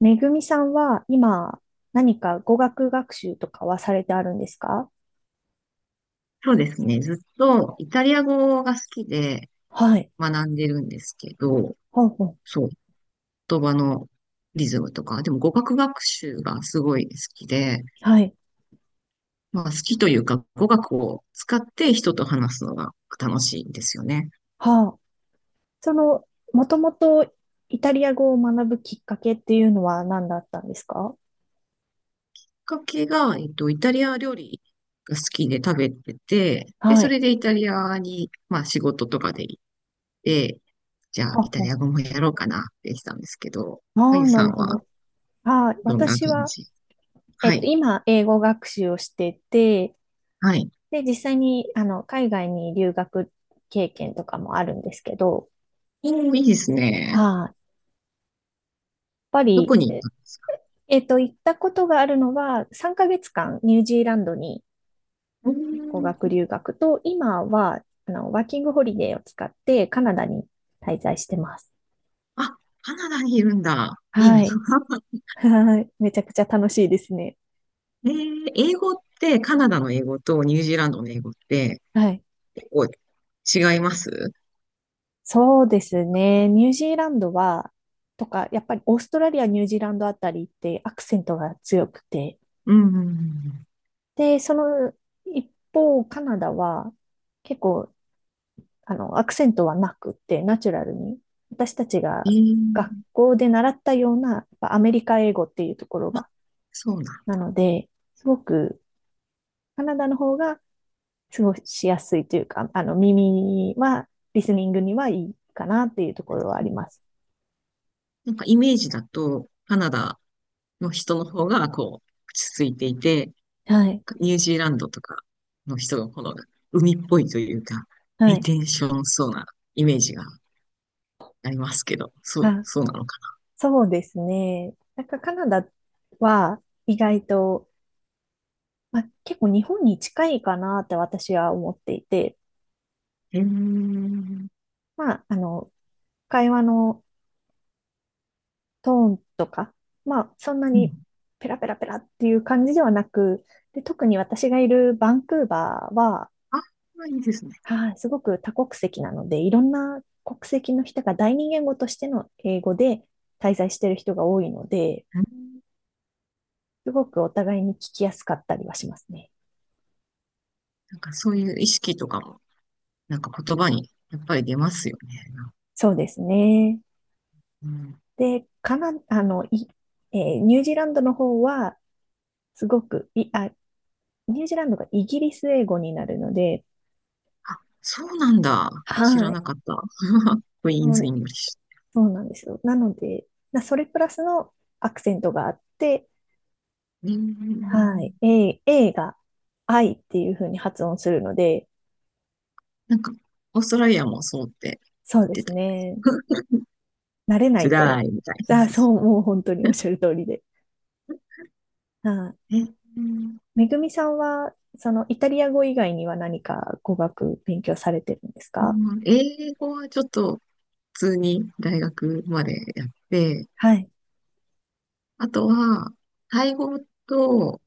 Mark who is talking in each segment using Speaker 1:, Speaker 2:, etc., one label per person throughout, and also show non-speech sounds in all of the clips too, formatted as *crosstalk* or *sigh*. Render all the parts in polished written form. Speaker 1: めぐみさんは今何か語学学習とかはされてあるんですか？
Speaker 2: そうですね。ずっとイタリア語が好きで
Speaker 1: はい。
Speaker 2: 学んでるんですけど、
Speaker 1: ほうほう。
Speaker 2: そう、言葉のリズムとか、でも語学学習がすごい好きで、
Speaker 1: はい。
Speaker 2: まあ好きというか語学を使って人と話すのが楽しいんですよね。
Speaker 1: はあ。その、もともとイタリア語を学ぶきっかけっていうのは何だったんですか？
Speaker 2: きっかけが、イタリア料理が好きで食べてて、で、
Speaker 1: は
Speaker 2: そ
Speaker 1: い。
Speaker 2: れでイタリアに、まあ仕事とかで行って、じゃあ
Speaker 1: は
Speaker 2: イ
Speaker 1: あ
Speaker 2: タリ
Speaker 1: は
Speaker 2: ア語もやろうかなってしたんですけど、
Speaker 1: あ。
Speaker 2: あ
Speaker 1: あ
Speaker 2: ゆ
Speaker 1: あ、な
Speaker 2: さん
Speaker 1: るほ
Speaker 2: は
Speaker 1: ど。ああ、
Speaker 2: どんな感
Speaker 1: 私は、
Speaker 2: じ？はい、
Speaker 1: 今、英語学習をしてて、
Speaker 2: はい。
Speaker 1: で、実際に、海外に留学経験とかもあるんですけど、
Speaker 2: おー、いいですね。
Speaker 1: はい、やっぱ
Speaker 2: ど
Speaker 1: り、
Speaker 2: こに行ったんですか？
Speaker 1: 行ったことがあるのは、3ヶ月間ニュージーランドに
Speaker 2: うー
Speaker 1: 語学
Speaker 2: ん。
Speaker 1: 留学と、今は、ワーキングホリデーを使ってカナダに滞在してます。
Speaker 2: あ、カナダにいるんだ。いい
Speaker 1: は
Speaker 2: な。
Speaker 1: い。
Speaker 2: *laughs*
Speaker 1: はい。めちゃくちゃ楽しいですね。
Speaker 2: 英語って、カナダの英語とニュージーランドの英語って
Speaker 1: はい。
Speaker 2: 結構違います？
Speaker 1: そうですね。ニュージーランドは、とか、やっぱりオーストラリア、ニュージーランドあたりってアクセントが強くて、
Speaker 2: うんうんうん。
Speaker 1: で、その一方、カナダは結構アクセントはなくって、ナチュラルに、私たち
Speaker 2: え
Speaker 1: が学
Speaker 2: ー、
Speaker 1: 校で習ったような、アメリカ英語っていうところ
Speaker 2: あ、
Speaker 1: が、
Speaker 2: そうなん。
Speaker 1: なので、すごく、カナダの方が過ごしやすいというか、耳は、リスニングにはいいかなっていうところはあります。
Speaker 2: なんかイメージだと、カナダの人の方がこう、落ち着いていて、
Speaker 1: はい。
Speaker 2: ニュージーランドとかの人の方が海っぽいというか、
Speaker 1: は
Speaker 2: リ
Speaker 1: い。
Speaker 2: テンションそうなイメージがありますけど、そう、
Speaker 1: あ、
Speaker 2: そうなのか。
Speaker 1: そうですね。なんかカナダは意外と、まあ、結構日本に近いかなって私は思っていて、
Speaker 2: うん。
Speaker 1: まあ、会話のトーンとか、まあ、そんなにペラペラペラっていう感じではなく、で、特に私がいるバンクーバーは、
Speaker 2: あ、いいですね。
Speaker 1: はい、すごく多国籍なので、いろんな国籍の人が第二言語としての英語で滞在している人が多いので、
Speaker 2: うん。
Speaker 1: すごくお互いに聞きやすかったりはしますね。
Speaker 2: なんかそういう意識とかも、なんか言葉にやっぱり出ますよね。
Speaker 1: そうですね。
Speaker 2: うん。
Speaker 1: で、カナ、あの、い、えーニュージーランドの方は、すごく、ニュージーランドがイギリス英語になるので、
Speaker 2: あ、そうなんだ。知ら
Speaker 1: はい。
Speaker 2: なかった。*laughs* クイーン
Speaker 1: う
Speaker 2: ズ・イ
Speaker 1: ん、
Speaker 2: ングリッシ
Speaker 1: そうなんですよ。なので、それプラスのアクセントがあって、
Speaker 2: ュ。う
Speaker 1: は
Speaker 2: ん。
Speaker 1: い。A、A が I っていう風に発音するので、
Speaker 2: なんか、オーストラリアもそうって
Speaker 1: そうで
Speaker 2: 言っ
Speaker 1: す
Speaker 2: てた。
Speaker 1: ね。
Speaker 2: *laughs*
Speaker 1: 慣れな
Speaker 2: つ
Speaker 1: い
Speaker 2: ら
Speaker 1: と、
Speaker 2: いみたいな感
Speaker 1: あ、
Speaker 2: じです。
Speaker 1: そう、もう本当におっ
Speaker 2: *laughs*
Speaker 1: しゃる通りで。はい。
Speaker 2: うん。
Speaker 1: めぐみさんは、そのイタリア語以外には何か語学勉強されてるんですか？
Speaker 2: 英語はちょっと普通に大学までやって、
Speaker 1: はい。
Speaker 2: あとは、タイ語と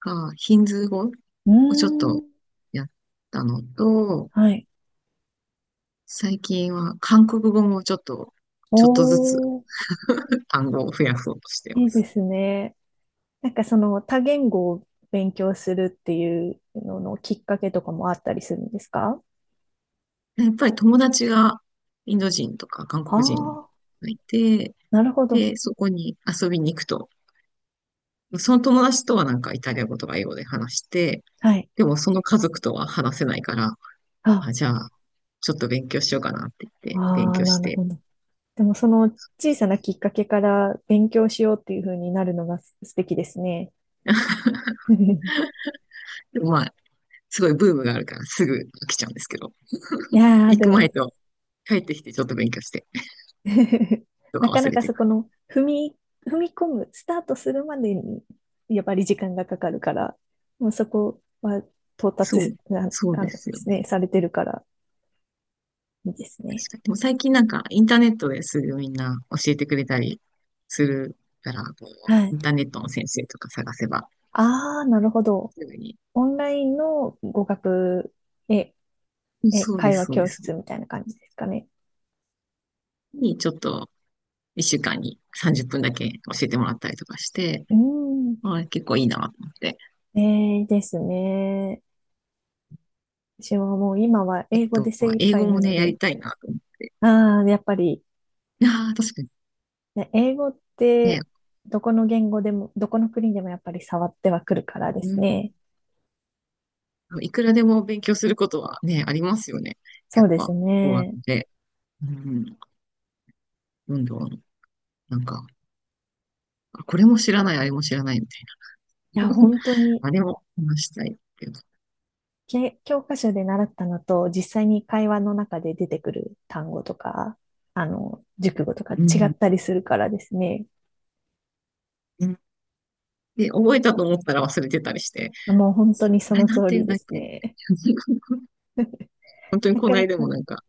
Speaker 2: か、ヒンズー語
Speaker 1: う
Speaker 2: をちょっ
Speaker 1: ー
Speaker 2: と
Speaker 1: ん。
Speaker 2: やったのと、
Speaker 1: はい。
Speaker 2: 最近は韓国語もちょっと、
Speaker 1: お
Speaker 2: ちょっとずつ
Speaker 1: ー、
Speaker 2: 単語を増やそうとしてい
Speaker 1: い
Speaker 2: ま
Speaker 1: いで
Speaker 2: す。
Speaker 1: すね。なんかその多言語を勉強するっていうののきっかけとかもあったりするんですか？
Speaker 2: やっぱり友達がインド人とか韓
Speaker 1: あ
Speaker 2: 国人
Speaker 1: あ、
Speaker 2: がいて、
Speaker 1: なるほど。
Speaker 2: で、そこに遊びに行くと、その友達とはなんかイタリア語とか英語で話して、
Speaker 1: はい。
Speaker 2: でもその家族とは話せないから、
Speaker 1: あ、
Speaker 2: あ、じゃあ、ちょっと勉強しようかなって言
Speaker 1: あ
Speaker 2: って、勉
Speaker 1: あ、
Speaker 2: 強
Speaker 1: な
Speaker 2: し
Speaker 1: る
Speaker 2: て。
Speaker 1: ほど。でもその小さなきっかけから勉強しようっていう風になるのが素敵ですね。*laughs* い
Speaker 2: でもまあ、すごいブームがあるからすぐ飽きちゃうんですけど、
Speaker 1: やー、
Speaker 2: 行
Speaker 1: で
Speaker 2: く前
Speaker 1: も
Speaker 2: と帰ってきてちょっと勉強して。
Speaker 1: *laughs*
Speaker 2: と
Speaker 1: な
Speaker 2: か
Speaker 1: か
Speaker 2: 忘
Speaker 1: な
Speaker 2: れ
Speaker 1: か
Speaker 2: て
Speaker 1: そ
Speaker 2: な
Speaker 1: こ
Speaker 2: い。
Speaker 1: の踏み込む、スタートするまでにやっぱり時間がかかるから、もうそこは到達
Speaker 2: そ
Speaker 1: す
Speaker 2: う、
Speaker 1: な、
Speaker 2: そう
Speaker 1: あ
Speaker 2: で
Speaker 1: ので
Speaker 2: すよ
Speaker 1: すね、
Speaker 2: ね。
Speaker 1: されてるからいいですね。
Speaker 2: 確かに。でも最近なんかインターネットですぐみんな教えてくれたりするから、こ
Speaker 1: は
Speaker 2: う、イ
Speaker 1: い。
Speaker 2: ンターネットの先生とか探せば、
Speaker 1: ああ、なるほど。
Speaker 2: すぐに。
Speaker 1: オンラインの語学、え、
Speaker 2: うんそうで
Speaker 1: 会
Speaker 2: す、
Speaker 1: 話
Speaker 2: そうで
Speaker 1: 教
Speaker 2: す。
Speaker 1: 室みたいな感じですかね。
Speaker 2: に、ちょっと、一週間に30分だけ教えてもらったりとかして、
Speaker 1: うん。
Speaker 2: あー結構いいなと思って。
Speaker 1: ですね。私はもう今は
Speaker 2: あ
Speaker 1: 英語で
Speaker 2: と、
Speaker 1: 精一
Speaker 2: 英
Speaker 1: 杯
Speaker 2: 語
Speaker 1: な
Speaker 2: も
Speaker 1: の
Speaker 2: ね、や
Speaker 1: で、
Speaker 2: りたいなと思っ
Speaker 1: ああ、やっぱり、
Speaker 2: て。いやー確かに
Speaker 1: ね、英語っ
Speaker 2: ね、
Speaker 1: てどこの言語でも、どこの国でもやっぱり触ってはくるからです
Speaker 2: う
Speaker 1: ね。
Speaker 2: ん、いくらでも勉強することはね、ありますよね。や
Speaker 1: そ
Speaker 2: っ
Speaker 1: うです
Speaker 2: ぱ、語学
Speaker 1: ね。
Speaker 2: で、うん、どんどん、なんか、あこれも知らない、あれも知らないみた
Speaker 1: い
Speaker 2: い
Speaker 1: や、
Speaker 2: な。
Speaker 1: 本
Speaker 2: *laughs*
Speaker 1: 当に
Speaker 2: あれも話したいってう
Speaker 1: 教科書で習ったのと、実際に会話の中で出てくる単語とか、熟語とか違
Speaker 2: ん。
Speaker 1: ったりするからですね。
Speaker 2: うんで、覚えたと思ったら忘れてたりして、
Speaker 1: もう本当に
Speaker 2: あ
Speaker 1: そ
Speaker 2: れ
Speaker 1: の
Speaker 2: なん
Speaker 1: 通
Speaker 2: て言
Speaker 1: り
Speaker 2: うん
Speaker 1: で
Speaker 2: だっ
Speaker 1: す
Speaker 2: け？
Speaker 1: ね。
Speaker 2: *laughs*
Speaker 1: *laughs*
Speaker 2: 本当に
Speaker 1: な
Speaker 2: この
Speaker 1: かな
Speaker 2: 間
Speaker 1: か。
Speaker 2: もなんか、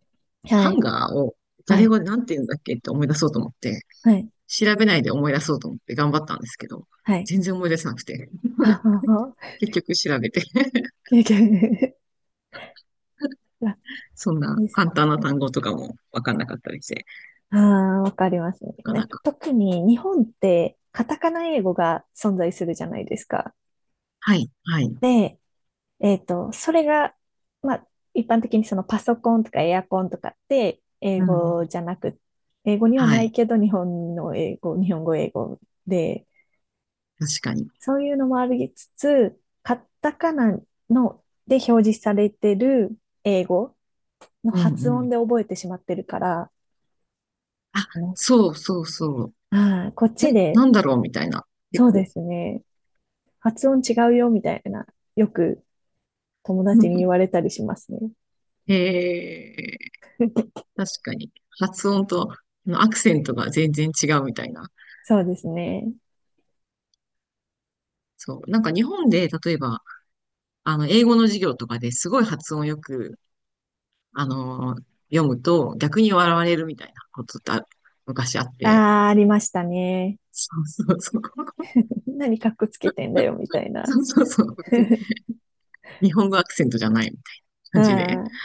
Speaker 1: は
Speaker 2: ハン
Speaker 1: い。
Speaker 2: ガーを
Speaker 1: は
Speaker 2: 誰
Speaker 1: い。
Speaker 2: がなんて言うんだっけって思い出そうと思って、
Speaker 1: はい。
Speaker 2: 調べないで思い出そうと思って頑張ったんですけど、
Speaker 1: はい。
Speaker 2: 全然思い出せなくて、
Speaker 1: ははは。
Speaker 2: 結局調べて
Speaker 1: 経験楽
Speaker 2: *laughs* そんな
Speaker 1: です
Speaker 2: 簡単な
Speaker 1: ね。
Speaker 2: 単語とかもわかんなかったりして、
Speaker 1: ああ、わかりますね。
Speaker 2: なか
Speaker 1: なん
Speaker 2: な
Speaker 1: か
Speaker 2: か。
Speaker 1: 特に日本ってカタカナ英語が存在するじゃないですか。
Speaker 2: はい、はい。
Speaker 1: で、それが、まあ、一般的にそのパソコンとかエアコンとかって英
Speaker 2: うん。
Speaker 1: 語じゃなく、英語には
Speaker 2: は
Speaker 1: ない
Speaker 2: い。
Speaker 1: けど日本の英語、日本語英語で、
Speaker 2: 確かに。
Speaker 1: そういうのもありつつ、カタカナので表示されてる英語の
Speaker 2: うん、う
Speaker 1: 発音
Speaker 2: ん。
Speaker 1: で覚えてしまってるから、
Speaker 2: あ、
Speaker 1: あの、
Speaker 2: そうそうそう。
Speaker 1: こっち
Speaker 2: え、
Speaker 1: で、
Speaker 2: なんだろうみたいな、結
Speaker 1: そうで
Speaker 2: 構。
Speaker 1: すね、発音違うよみたいな、よく友達に言わ
Speaker 2: *laughs*
Speaker 1: れたりしますね。
Speaker 2: へー
Speaker 1: *laughs*
Speaker 2: 確かに。発音とアクセントが全然違うみたいな。
Speaker 1: そうですね。
Speaker 2: そう。なんか日本で、例えば、英語の授業とかですごい発音よく、あのー読むと逆に笑われるみたいなことって昔あって。
Speaker 1: ああ、ありましたね。
Speaker 2: そうそうそう。*laughs*
Speaker 1: 何かっこつけてんだよ、みたいな
Speaker 2: そうそうそう。別に
Speaker 1: *laughs*。
Speaker 2: 日本語アクセントじゃないみたいな
Speaker 1: は
Speaker 2: 感じで。
Speaker 1: い、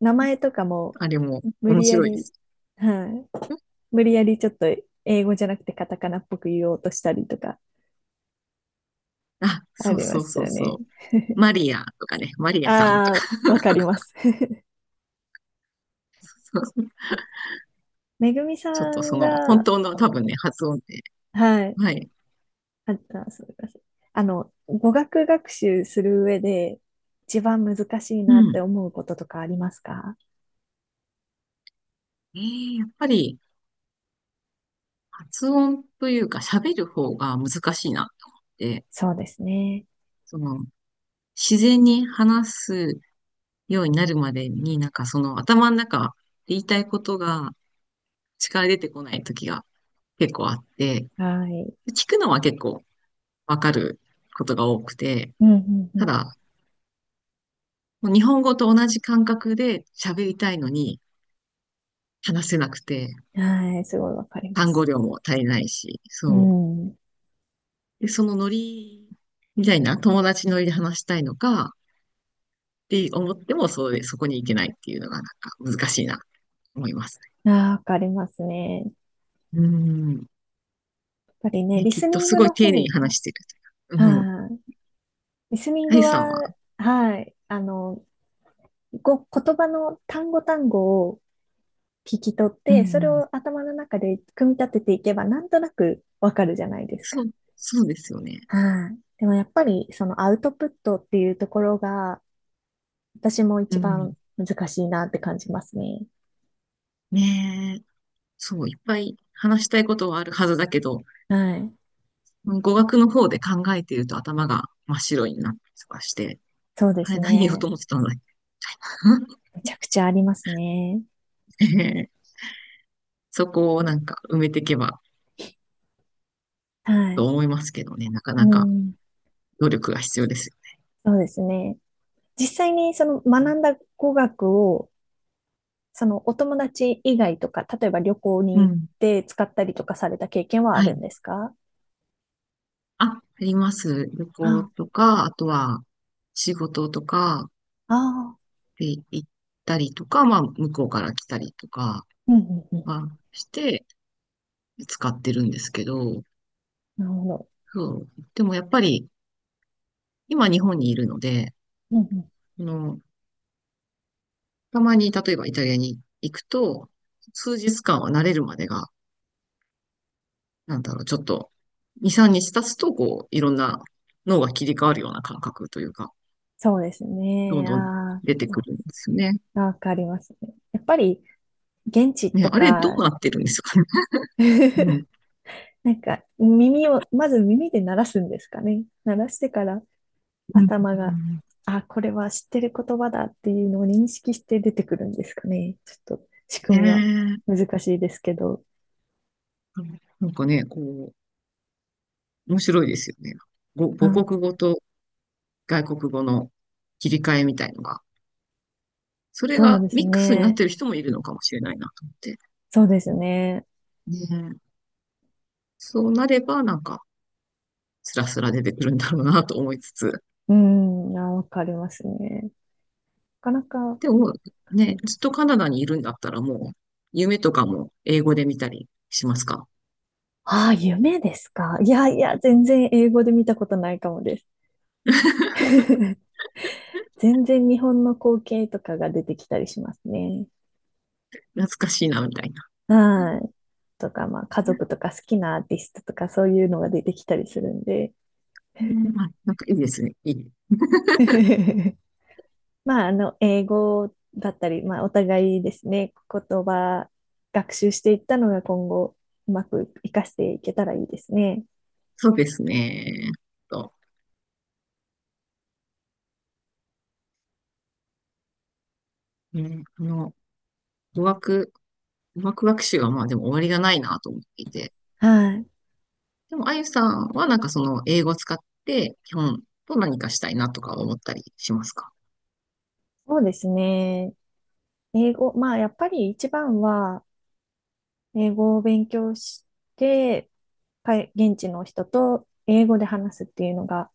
Speaker 1: 名前とかも
Speaker 2: あれも
Speaker 1: 無
Speaker 2: 面
Speaker 1: 理や
Speaker 2: 白いで
Speaker 1: り、
Speaker 2: す。
Speaker 1: はい、無理やりちょっと英語じゃなくてカタカナっぽく言おうとしたりとか
Speaker 2: あ、
Speaker 1: あ
Speaker 2: そう
Speaker 1: りま
Speaker 2: そう
Speaker 1: し
Speaker 2: そう
Speaker 1: たね。
Speaker 2: そう。マリアとかね、マリアさんと
Speaker 1: あ
Speaker 2: か。
Speaker 1: あ、わかります *laughs*。めぐみさ
Speaker 2: ちょっと
Speaker 1: ん
Speaker 2: 本
Speaker 1: が、
Speaker 2: 当の多分ね、発音で。
Speaker 1: はい、
Speaker 2: はい。
Speaker 1: あった、すみません。語学学習する上で一番難しい
Speaker 2: う
Speaker 1: なって
Speaker 2: ん。
Speaker 1: 思うこととかありますか？
Speaker 2: やっぱり、発音というか、喋る方が難しいなと思って、
Speaker 1: そうですね。
Speaker 2: その、自然に話すようになるまでに、なんか頭の中、言いたいことが力出てこない時が結構あって、
Speaker 1: はい。
Speaker 2: 聞くのは結構わかることが多くて、
Speaker 1: うんうん
Speaker 2: た
Speaker 1: う
Speaker 2: だ、もう日本語と同じ感覚で喋りたいのに話せなくて、
Speaker 1: ん。はい、すごいわかりま
Speaker 2: 単語
Speaker 1: す。
Speaker 2: 量も足りないし、そ
Speaker 1: う
Speaker 2: う。
Speaker 1: ん。
Speaker 2: で、そのノリみたいな友達ノリで話したいのかって思っても、そうで、そこに行けないっていうのがなんか難しいなと思います
Speaker 1: ああ、わかりますね。
Speaker 2: ね。うん。
Speaker 1: やっぱりね、
Speaker 2: ね、
Speaker 1: リ
Speaker 2: きっ
Speaker 1: ス
Speaker 2: と
Speaker 1: ニン
Speaker 2: す
Speaker 1: グ
Speaker 2: ごい
Speaker 1: の
Speaker 2: 丁寧
Speaker 1: 方
Speaker 2: に
Speaker 1: が、
Speaker 2: 話してるというか。うん。
Speaker 1: はい。リスニン
Speaker 2: あ
Speaker 1: グ
Speaker 2: ゆさんは、
Speaker 1: は、はい。言葉の単語単語を聞き取っ
Speaker 2: うん
Speaker 1: て、そ
Speaker 2: う
Speaker 1: れ
Speaker 2: ん、
Speaker 1: を頭の中で組み立てていけば、なんとなくわかるじゃないです
Speaker 2: そ
Speaker 1: か。
Speaker 2: う、そうですよね。
Speaker 1: はい。でもやっぱり、そのアウトプットっていうところが、私も
Speaker 2: う
Speaker 1: 一番
Speaker 2: ん。
Speaker 1: 難しいなって感じますね。
Speaker 2: ねえ。そう、いっぱい話したいことはあるはずだけど、
Speaker 1: はい。
Speaker 2: 語学の方で考えていると頭が真っ白になったりとかして、
Speaker 1: そうで
Speaker 2: あ
Speaker 1: す
Speaker 2: れ何言おうと
Speaker 1: ね。
Speaker 2: 思ってたんだっ
Speaker 1: めちゃくちゃありますね。
Speaker 2: け？ *laughs* ええ、そこをなんか埋めていけば
Speaker 1: は
Speaker 2: と
Speaker 1: い。
Speaker 2: 思いますけどね、なか
Speaker 1: う
Speaker 2: なか
Speaker 1: ん。
Speaker 2: 努力が必要ですよ。
Speaker 1: そうですね。実際にその学んだ語学を、そのお友達以外とか、例えば旅行に
Speaker 2: う
Speaker 1: 行っ
Speaker 2: ん。
Speaker 1: て使ったりとかされた経験はあ
Speaker 2: は
Speaker 1: る
Speaker 2: い。
Speaker 1: んですか？
Speaker 2: あ、あります。旅行
Speaker 1: あ
Speaker 2: とか、あとは仕事とか
Speaker 1: あ、ああ、
Speaker 2: で行ったりとか、まあ、向こうから来たりとか
Speaker 1: うんうんうん。
Speaker 2: はして使ってるんですけど、
Speaker 1: なるほど。
Speaker 2: そう。でもやっぱり、今日本にいるので、
Speaker 1: うんうん。
Speaker 2: あの、たまに例えばイタリアに行くと、数日間は慣れるまでが、なんだろう、ちょっと、2、3日経つと、こう、いろんな脳が切り替わるような感覚というか、
Speaker 1: そうです
Speaker 2: どん
Speaker 1: ね。
Speaker 2: どん
Speaker 1: あ
Speaker 2: 出てくるんですよね。
Speaker 1: あ、わかりますね。やっぱり現地
Speaker 2: ね、
Speaker 1: と
Speaker 2: あれど
Speaker 1: か、
Speaker 2: うなってるんですかね。*laughs* う
Speaker 1: *laughs*
Speaker 2: ん。
Speaker 1: なんかまず耳で鳴らすんですかね。鳴らしてから
Speaker 2: うん、
Speaker 1: 頭
Speaker 2: う
Speaker 1: が、
Speaker 2: ん。
Speaker 1: あ、これは知ってる言葉だっていうのを認識して出てくるんですかね。ちょっと仕
Speaker 2: ね
Speaker 1: 組みは
Speaker 2: え。
Speaker 1: 難しいですけど。
Speaker 2: なんかね、こう、面白いですよね。ご母
Speaker 1: あ、
Speaker 2: 国語と外国語の切り替えみたいのが。それ
Speaker 1: そう
Speaker 2: が
Speaker 1: です
Speaker 2: ミックスになっ
Speaker 1: ね。
Speaker 2: てる人もいるのかもしれないなと思って。
Speaker 1: そうですね。
Speaker 2: ね。そうなれば、なんか、スラスラ出てくるんだろうなと思いつつ。
Speaker 1: うん、あ、わかりますね。なかなか、
Speaker 2: でも、ね、ずっとカナダにいるんだったらもう、夢とかも英語で見たりしますか？
Speaker 1: ああ、夢ですか。いやいや、全然英語で見たことないかもです。*laughs* 全然日本の光景とかが出てきたりしますね。
Speaker 2: 懐かしいな、みたいな。
Speaker 1: はい。とか、まあ、家族とか好きなアーティストとかそういうのが出てきたりするんで。
Speaker 2: うん、あ、なんかいいですね。いい。
Speaker 1: *laughs* まあ、英語だったり、まあ、お互いですね、言葉学習していったのが今後、うまく活かしていけたらいいですね。
Speaker 2: そうですね。と、ね、語学、語学学習はまあでも終わりがないなと思っていて。
Speaker 1: はい。
Speaker 2: でも、あゆさんはなんかその英語を使って基本と何かしたいなとか思ったりしますか？
Speaker 1: そうですね。英語、まあ、やっぱり一番は、英語を勉強して、現地の人と英語で話すっていうのが、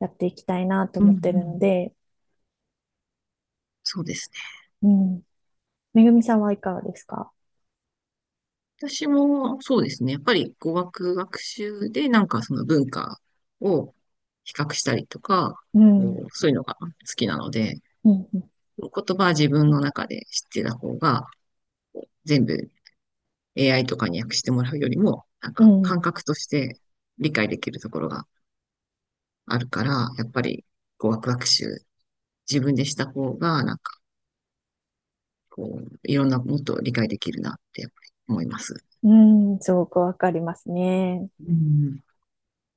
Speaker 1: やっていきたいなと
Speaker 2: うんう
Speaker 1: 思ってるの
Speaker 2: ん。
Speaker 1: で、
Speaker 2: そうですね。
Speaker 1: うん。めぐみさんはいかがですか？
Speaker 2: 私もそうですね。やっぱり語学学習でなんかその文化を比較したりとか、
Speaker 1: う
Speaker 2: こ
Speaker 1: ん。
Speaker 2: うそういうのが好きなので、
Speaker 1: うん。
Speaker 2: 言葉は自分の中で知ってた方が、こう全部 AI とかに訳してもらうよりも、なん
Speaker 1: う
Speaker 2: か
Speaker 1: ん。
Speaker 2: 感覚として理解できるところがあるから、やっぱりこうワクワク集、自分でした方が、なんかこう、いろんなもっと理解できるなってやっぱり思います。
Speaker 1: うん。うん、すごくわかりますね。
Speaker 2: うん